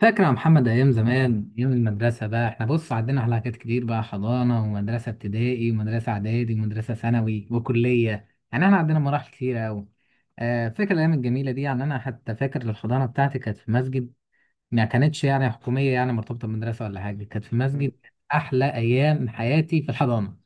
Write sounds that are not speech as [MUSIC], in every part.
فاكر يا محمد أيام زمان، أيام المدرسة بقى، إحنا بص عدينا على حاجات كتير بقى، حضانة ومدرسة ابتدائي ومدرسة إعدادي ومدرسة ثانوي وكلية. يعني إحنا عدينا مراحل كتيرة أوي. آه، فاكر الأيام الجميلة دي. يعني أنا حتى فاكر الحضانة بتاعتي كانت في مسجد. ما كانتش يعني حكومية، يعني مرتبطة بمدرسة ولا حاجة، كانت في مسجد. مم. كانت أحلى أيام حياتي في الحضانة.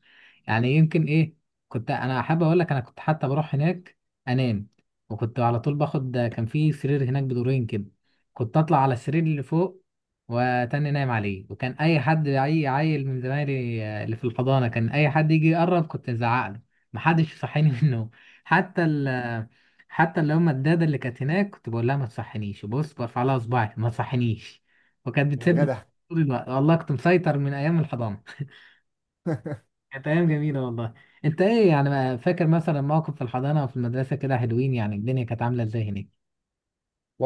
يعني يمكن إيه، كنت أنا حابب أقول لك، أنا كنت حتى بروح هناك أنام. وكنت على طول باخد، كان في سرير هناك بدورين كده، كنت أطلع على السرير اللي فوق وتاني نايم عليه. وكان أي حد، أي عيل من زمايلي، آه، اللي في الحضانة، كان أي حد يجي يقرب كنت أزعق له محدش يصحيني [LAUGHS] منه. حتى ال حتى اللي هم الدادة اللي كانت هناك كنت بقول لها ما تصحنيش، بص، برفع لها صباعي ما تصحنيش. وكانت يا بتسيب لي جدع. طول الوقت. والله كنت مسيطر من ايام الحضانة. [LAUGHS] [LAUGHS] كانت ايام جميلة والله. انت ايه يعني، ما فاكر مثلا موقف في الحضانة او في المدرسة كده حلوين؟ يعني الدنيا كانت عاملة ازاي هناك؟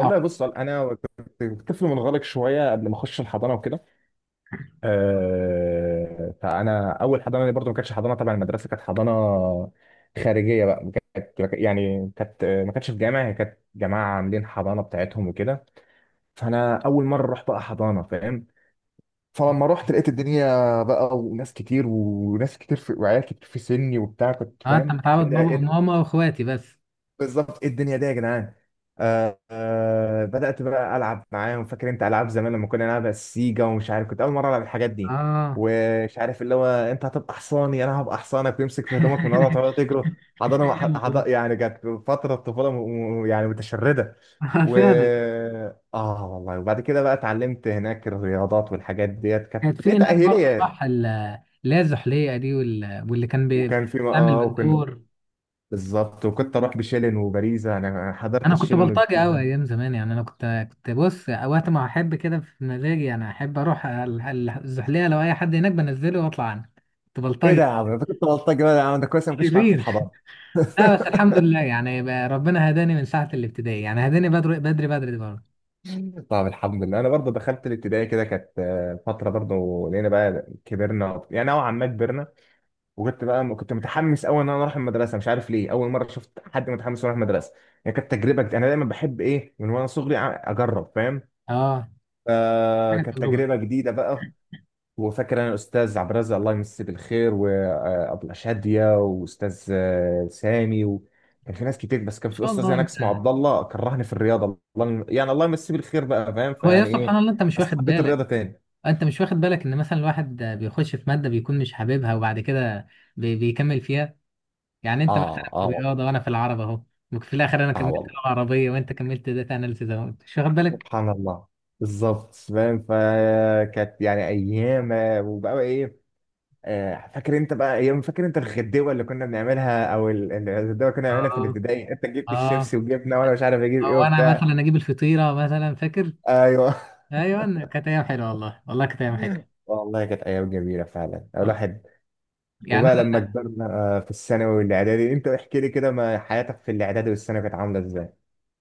او بص، انا كنت طفل منغلق شويه قبل ما اخش الحضانه وكده. فانا اول حضانه لي برضو ما كانتش حضانه تبع المدرسه، كانت حضانه خارجيه بقى. كانت ما كانتش في جامعه، هي كانت جماعه عاملين حضانه بتاعتهم وكده. فانا اول مره اروح بقى حضانه، فاهم؟ فلما رحت لقيت الدنيا بقى، وناس كتير وناس كتير، في وعيال كتير في سني وبتاع، كنت اه، انت فاهم متعود ايه ده، بابا ايه؟ وماما واخواتي بس. بالظبط، ايه الدنيا دي يا جدعان؟ آه، آه، بدأت بقى ألعب معاهم. فاكر انت ألعاب زمان لما كنا نلعب السيجا ومش عارف؟ كنت أول مرة ألعب الحاجات دي، اه. ومش عارف، اللي هو انت هتبقى حصاني انا هبقى حصانك، ويمسك في هدومك من ورا تقعد تجري. [LAUGHS] كانت حضانه، أيام والله. يعني كانت فتره طفوله، يعني متشرده. آه، و فعلا. اه والله. وبعد كده بقى اتعلمت هناك الرياضات والحاجات ديت، كانت كانت في هناك برضه، بتتأهيلية. صح، اللي هي الزحليقة دي، وال- واللي كان وكان في بتعمل وكنا بالدور. بالظبط. وكنت اروح بشيلن وباريزا، انا حضرت انا كنت الشيلن بلطجي قوي وباريزا. ايام زمان، يعني انا كنت بص وقت ما احب كده في مزاجي، يعني احب اروح الزحليقه لو اي حد هناك بنزله واطلع عنه. كنت ايه ده يا بلطجي عم، انت كنت بلطجي بقى يا عم؟ ده كويس أنا ما كنتش معاك في شرير. الحضانه. لا بس الحمد لله، يعني بقى ربنا هداني من ساعه الابتدائي، يعني هداني بدري بدري بدري برضه. [LAUGHS] طب الحمد لله، انا برضه دخلت الابتدائي كده، كانت فتره برضه. لقينا بقى كبرنا، يعني نوعا ما كبرنا. وكنت بقى كنت متحمس قوي ان انا اروح المدرسه، مش عارف ليه، اول مره شفت حد متحمس يروح المدرسه. يعني كانت تجربه جديدة. انا دايما بحب ايه، من وانا صغري اجرب، فاهم؟ اه، حاجه، كانت تجربه. ان تجربه جديده بقى. وفاكر انا الاستاذ عبد الرزاق الله يمسيه بالخير، وابله شاديه، واستاذ سامي، وكان في ناس كتير، بس كان في شاء استاذ الله هناك اسمه انت. عبد الله كرهني في الرياضه، الله، يعني الله يمسيه بالخير بقى، فاهم؟ هو يا فيعني سبحان ايه، الله، انت مش بس واخد حبيت بالك؟ الرياضه تاني. انت مش واخد بالك ان مثلا الواحد بيخش في ماده بيكون مش حاببها، وبعد كده بيكمل فيها؟ يعني اه، انت مثلا في اه، والله. الرياضه، وانا في العربي اهو. وفي الاخر انا اه كملت والله. لغه عربيه، وانت كملت داتا اناليسيز اهو. مش واخد بالك؟ سبحان الله. بالظبط، فاهم. فكانت يعني ايام، وبقى ايه. آه، فاكر انت بقى ايام، فاكر انت الغدوه اللي كنا بنعملها، او الغدوه اللي كنا بنعملها في اه، الابتدائي، انت جبت اه. الشيبسي وجبنا، وانا مش عارف اجيب ايه او انا وبتاع. مثلا اجيب الفطيره مثلا، فاكر؟ ايوه ايوه، كانت ايام حلوه والله. والله كانت ايام حلوه. والله، كانت ايام جميله فعلا والله الواحد. يعني. وبقى لما كبرنا، آه، في الثانوي والاعدادي، انت احكي لي كده ما حياتك في الاعدادي والثانوي كانت عامله ازاي؟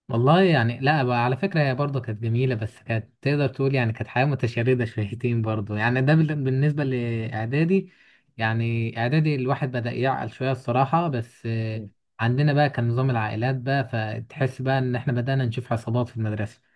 والله يعني، لا بقى، على فكرة هي برضه كانت جميلة، بس كانت تقدر تقول يعني كانت حياة متشردة شويتين برضه، يعني ده بالنسبة لإعدادي. يعني إعدادي الواحد بدأ يعقل شوية الصراحة، بس آه، مم. عندنا بقى كان نظام العائلات بقى، فتحس بقى إن إحنا بدأنا نشوف عصابات في المدرسة.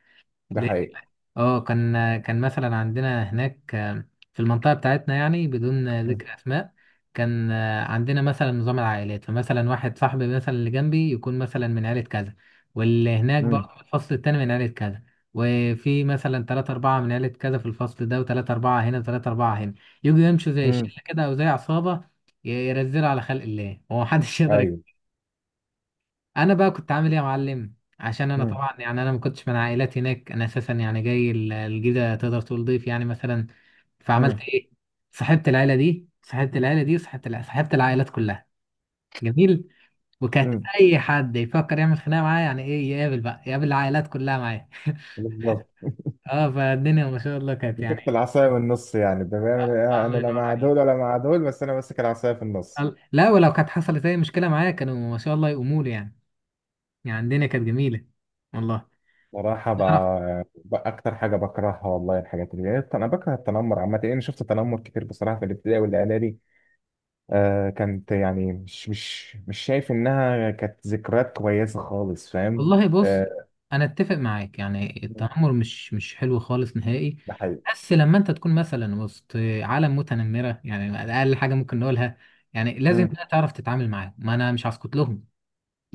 ده حقيقي. اه، كان مثلا عندنا هناك، آه، في المنطقة بتاعتنا، يعني بدون آه، مم. ذكر أسماء، كان آه، عندنا مثلا نظام العائلات. فمثلا واحد صاحبي، مثلا اللي جنبي، يكون مثلا من عائلة كذا، واللي هناك مم. برضه في الفصل التاني من عائلة كذا، وفي مثلا تلاتة أربعة من عائلة كذا في الفصل ده، وتلاتة أربعة هنا، وتلاتة أربعة هنا. يجوا يمشوا زي مم. شلة كده أو زي عصابة، يرزلوا على خلق الله ومحدش [LAUGHS] يقدر. ايوه. انا بقى كنت عامل ايه يا معلم؟ عشان انا مم. طبعا، يعني انا ما كنتش من عائلات هناك، انا اساسا يعني جاي الجيزه، تقدر تقول ضيف يعني مثلا. فعملت مم. ايه؟ صاحبت العيله دي، صاحبت العيله دي، وصاحبت صاحبت العائلات كلها. جميل. وكانت مم. اي حد يفكر يعمل خناقه معايا، يعني ايه، يقابل بقى، يقابل العائلات كلها معايا. بالظبط، [LAUGHS] اه، فالدنيا ما شاء الله كانت يعني. مسكت العصايه من النص. يعني ده بيعمل إيه؟ آه، انا الله لا ينور مع عليك. دول ولا مع دول، بس انا ماسك العصايه في النص. لا ولو كانت حصلت اي مشكله معايا كانوا ما شاء الله يقوموا لي، يعني. يعني الدنيا كانت جميله والله. صراحة بقى أكتر حاجة بكرهها والله، الحاجات اللي أنا بكره، التنمر عامة. يعني شفت تنمر كتير بصراحة في الابتدائي والإعدادي. كانت يعني مش شايف انها كانت ذكريات كويسه خالص، فاهم؟ والله بص، آه. انا اتفق معاك، يعني التنمر مش حلو خالص نهائي. ده حقيقي. بس لما انت تكون مثلا وسط عالم متنمره، يعني اقل حاجه ممكن نقولها، يعني لازم مم. بقى تعرف تتعامل معاه. ما انا مش هسكت لهم.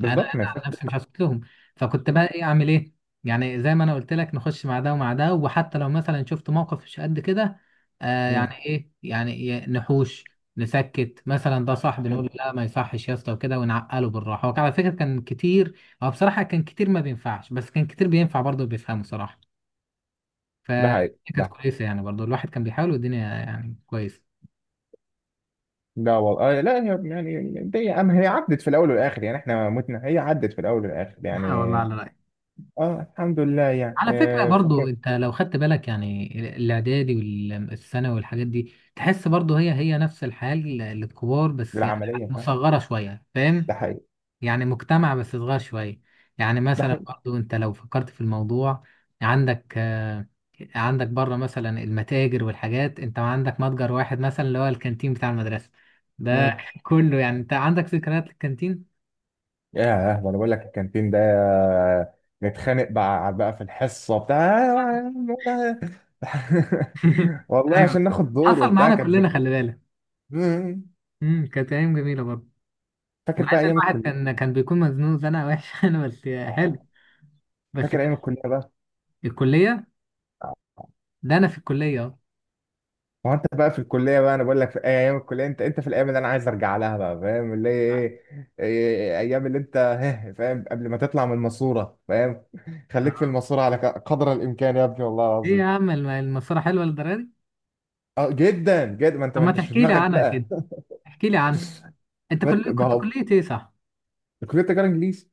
انا انا ما على فيهاش. نفسي مش هسكت لهم. فكنت بقى ايه، اعمل ايه؟ يعني زي ما انا قلت لك، نخش مع ده ومع ده. وحتى لو مثلا شفت موقف مش قد كده، آه، مم. يعني ايه، يعني نحوش، نسكت مثلا، ده صاحب، نقول له لا ما يصحش يا اسطى وكده، ونعقله بالراحه. هو كان على فكره كان كتير، هو بصراحه كان كتير ما بينفعش، بس كان كتير بينفع برضه بيفهمه صراحه. ده حقيقي، ده فكانت حقيقي. كويسه، يعني برضه الواحد كان بيحاول، والدنيا يعني كويسه. لا والله، لا، هي يعني دي أم، هي عدت في الاول والاخر، يعني احنا متنا، هي عدت في الاول والاخر [LAUGHS] يعني. اه والله، على رأيك. اه الحمد لله يعني، على فكرة برضو، فاكر انت لو خدت بالك، يعني الاعدادي والثانوي والحاجات دي، تحس برضو هي هي نفس الحال للكبار، بس يعني العمليه، فاهم؟ مصغرة شوية، ده فاهم؟ حقيقي، يعني مجتمع بس صغير شوية. يعني مثلا ده برضو انت لو فكرت في الموضوع، عندك آه، عندك بره مثلا المتاجر والحاجات، انت عندك متجر واحد مثلا، اللي هو الكانتين بتاع المدرسة ده. حقيقي. [LAUGHS] كله يعني انت عندك ذكريات للكانتين. ياه، ده انا بقول لك الكانتين ده، نتخانق بقى في الحصه بتاع. [LAUGHS] [LAUGHS] والله ايوه، عشان ناخد دور حصل وبتاع، معانا كانت كلنا، ذكرى. خلي بالك. [LAUGHS] مم. كانت ايام جميلة برضو، فاكر مع ان بقى ايام الواحد الكليه؟ كان بيكون مزنوق زنقه وحشه. [LAUGHS] انا بس. حلو، آه. بس فاكر ايام كده. الكليه بقى. الكليه. آه. ده انا في الكليه اهو. ما هو انت بقى في الكليه بقى، انا بقول لك في ايام الكليه، انت في الايام اللي انا عايز ارجع لها بقى، فاهم؟ اللي هي ايه؟ ايام اللي انت [LAUGHS] هه، فاهم؟ قبل ما تطلع من الماسوره، فاهم؟ [LAUGHS] خليك في آه. الماسوره على قدر الامكان يا ابني، والله ايه يا العظيم. عم، المسيره حلوه للدرجه دي؟ اه جدا جدا، ما انت طب ما ما انتش في تحكي لي دماغك عنها بقى. كده، احكي لي عنها. انت ما كل... ما كنت هو كليه ايه، صح؟ كلية تجارة إنجليزي.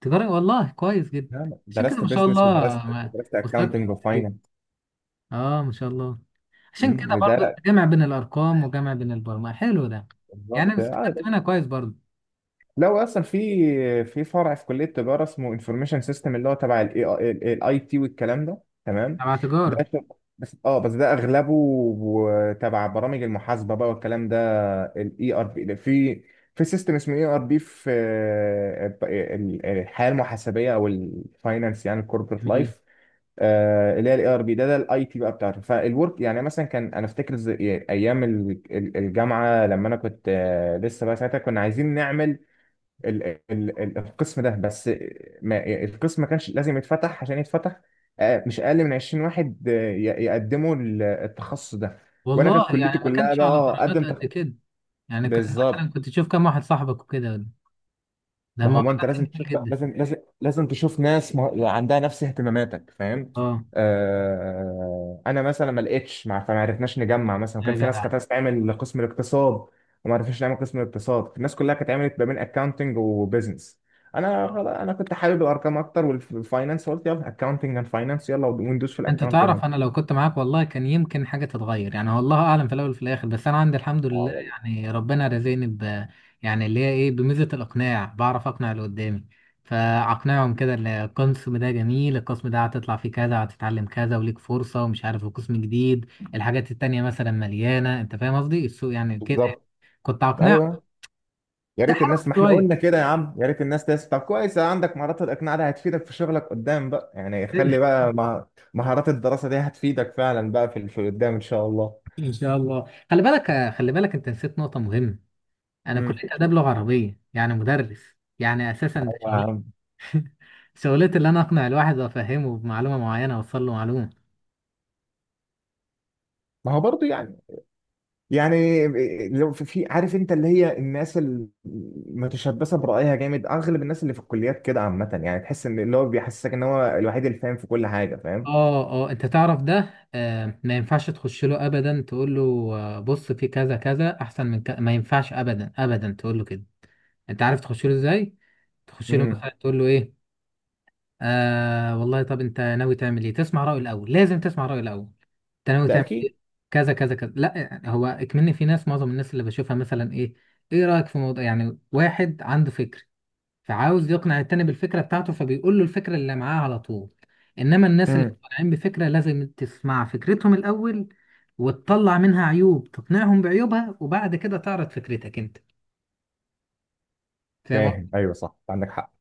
تجاره، والله كويس جدا. نعم. عشان كده درست ما شاء الله. بيزنس، ودرست ما- درست مستواك في أكاونتنج الكلية. وفاينانس. اه، ما شاء الله. عشان كده ده برضو لا. جمع بين الارقام وجمع بين البرمجه، حلو ده. يعني بالظبط، انا يا استفدت باشا. منها كويس برضو. لو أصلا في فرع في كلية تجارة اسمه انفورميشن سيستم، اللي هو تبع الاي تي والكلام ده. تمام. تبع ده تجاره. شغل- بس، بس ده اغلبه، تبع برامج المحاسبه بقى والكلام ده. الاي ار بي. في في سيستم اسمه اي ار بي، في الحياه المحاسبيه او الفاينانس، يعني الكوربريت جميل. لايف. آه، اللي هي الاي ار بي ده الاي تي بقى بتاعته فالورك. يعني مثلا كان انا افتكر ايام الجامعه لما انا كنت لسه بقى ساعتها، كنا عايزين نعمل ال ال ال القسم ده، بس ما القسم ما كانش لازم يتفتح. عشان يتفتح مش اقل من 20 واحد يقدموا التخصص ده. وانا والله كانت كليتي يعني ما كلها كانش بقى، على درجات قدم قد كده، يعني مثلا بالظبط. كنت تشوف كام واحد صاحبك وكده. ده ما هو ما الموضوع ده انت لازم كان جميل تشوف، جدا. لازم تشوف ناس عندها نفس اهتماماتك، فاهم؟ اه انا مثلا ما لقيتش، ما فما عرفناش نجمع. مثلا يا كان في ناس جدع، كانت عايزه تعمل قسم الاقتصاد، وما عرفناش نعمل قسم الاقتصاد. الناس كلها كانت عملت ما بين اكاونتنج وبزنس. انا كنت حابب الارقام اكتر والفاينانس، قلت يلا اكاونتنج اند فاينانس، يلا وندوس في انت الاكاونتنج. تعرف انا لو كنت معاك والله كان يمكن حاجه تتغير، يعني والله اعلم في الاول وفي الاخر. بس انا عندي الحمد اه لله، والله. يعني ربنا رزقني يعني اللي هي ايه، بميزه الاقناع، بعرف اقنع اللي قدامي. فاقنعهم كده ان القسم ده جميل، القسم ده هتطلع فيه كذا، هتتعلم كذا، وليك فرصه، ومش عارف، وقسم جديد، الحاجات التانيه مثلا مليانه، انت فاهم قصدي، السوق يعني كده يعني. بالظبط. كنت اقنعهم. ايوه. يا ريت تحاول الناس، ما احنا شويه. قلنا كده يا عم، يا ريت الناس تسمع. طب كويس، عندك مهارات الاقناع، ده هتفيدك في شغلك قدام بقى، يعني خلي [LAUGHS] بقى مهارات الدراسه دي هتفيدك فعلا بقى في قدام ان شاء الله. ان شاء الله. خلي بالك، خلي بالك، انت نسيت نقطه مهمه. انا امم. كليه اداب لغه عربيه، يعني مدرس، يعني اساسا ده شغلتي. [LAUGHS] شغلتي اللي انا اقنع الواحد وافهمه بمعلومه معينه، اوصل له معلومه. ما هو برضو يعني، يعني لو في عارف انت اللي هي الناس المتشبثه برأيها جامد، اغلب الناس اللي في الكليات كده عامه، يعني تحس ان اللي هو بيحسسك ان هو الوحيد اللي فاهم في كل حاجه، فاهم؟ اه، اه. انت تعرف ده، آه، ما ينفعش تخش له ابدا تقول له آه، بص في كذا كذا احسن من كذا. ما ينفعش ابدا ابدا تقول له كده. انت عارف تخش له ازاي؟ تخش له امم. مثلا تقول له ايه، آه والله، طب انت ناوي تعمل ايه؟ تسمع رأيه الاول، لازم تسمع رأيه الاول. انت ناوي ده تعمل اكيد. ايه؟ كذا كذا كذا. لا يعني، هو اكمني في ناس، معظم الناس اللي بشوفها مثلا ايه، ايه رأيك في موضوع؟ يعني واحد عنده فكر، فعاوز يقنع التاني بالفكرة بتاعته، فبيقول له الفكرة اللي معاه على طول. انما الناس اللي امم. مقتنعين بفكرة، لازم تسمع فكرتهم الاول، وتطلع منها عيوب، تقنعهم بعيوبها، وبعد كده تعرض فكرتك انت، فاهم؟ فاهم، ايوه صح، عندك حق.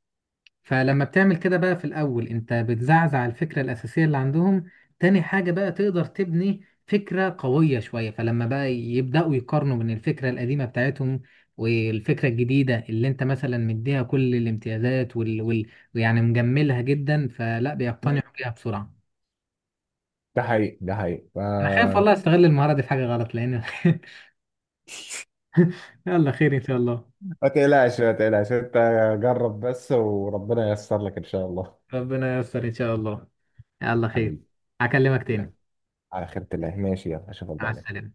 فلما بتعمل كده بقى، في الأول أنت بتزعزع الفكرة الأساسية اللي عندهم، تاني حاجة بقى تقدر تبني فكرة قوية شوية، فلما بقى يبدأوا يقارنوا بين الفكرة القديمة بتاعتهم والفكرة الجديدة اللي أنت مثلا مديها كل الامتيازات ويعني مجملها جدا، فلا مم. بيقتنعوا بيها بسرعة. ده حقيقي، ده حقيقي. أنا خايف والله أستغل المهارة دي في حاجة غلط، لأن. [LAUGHS] يلا، خير إن شاء الله. ما تقلقش ما تقلقش انت، جرب بس وربنا ييسر لك ان شاء الله. ربنا ييسر إن شاء الله. يلا خير. حبيبي. هكلمك يلا. تاني. على خيرة الله، ماشي، يلا اشوفك مع بعدين. السلامة.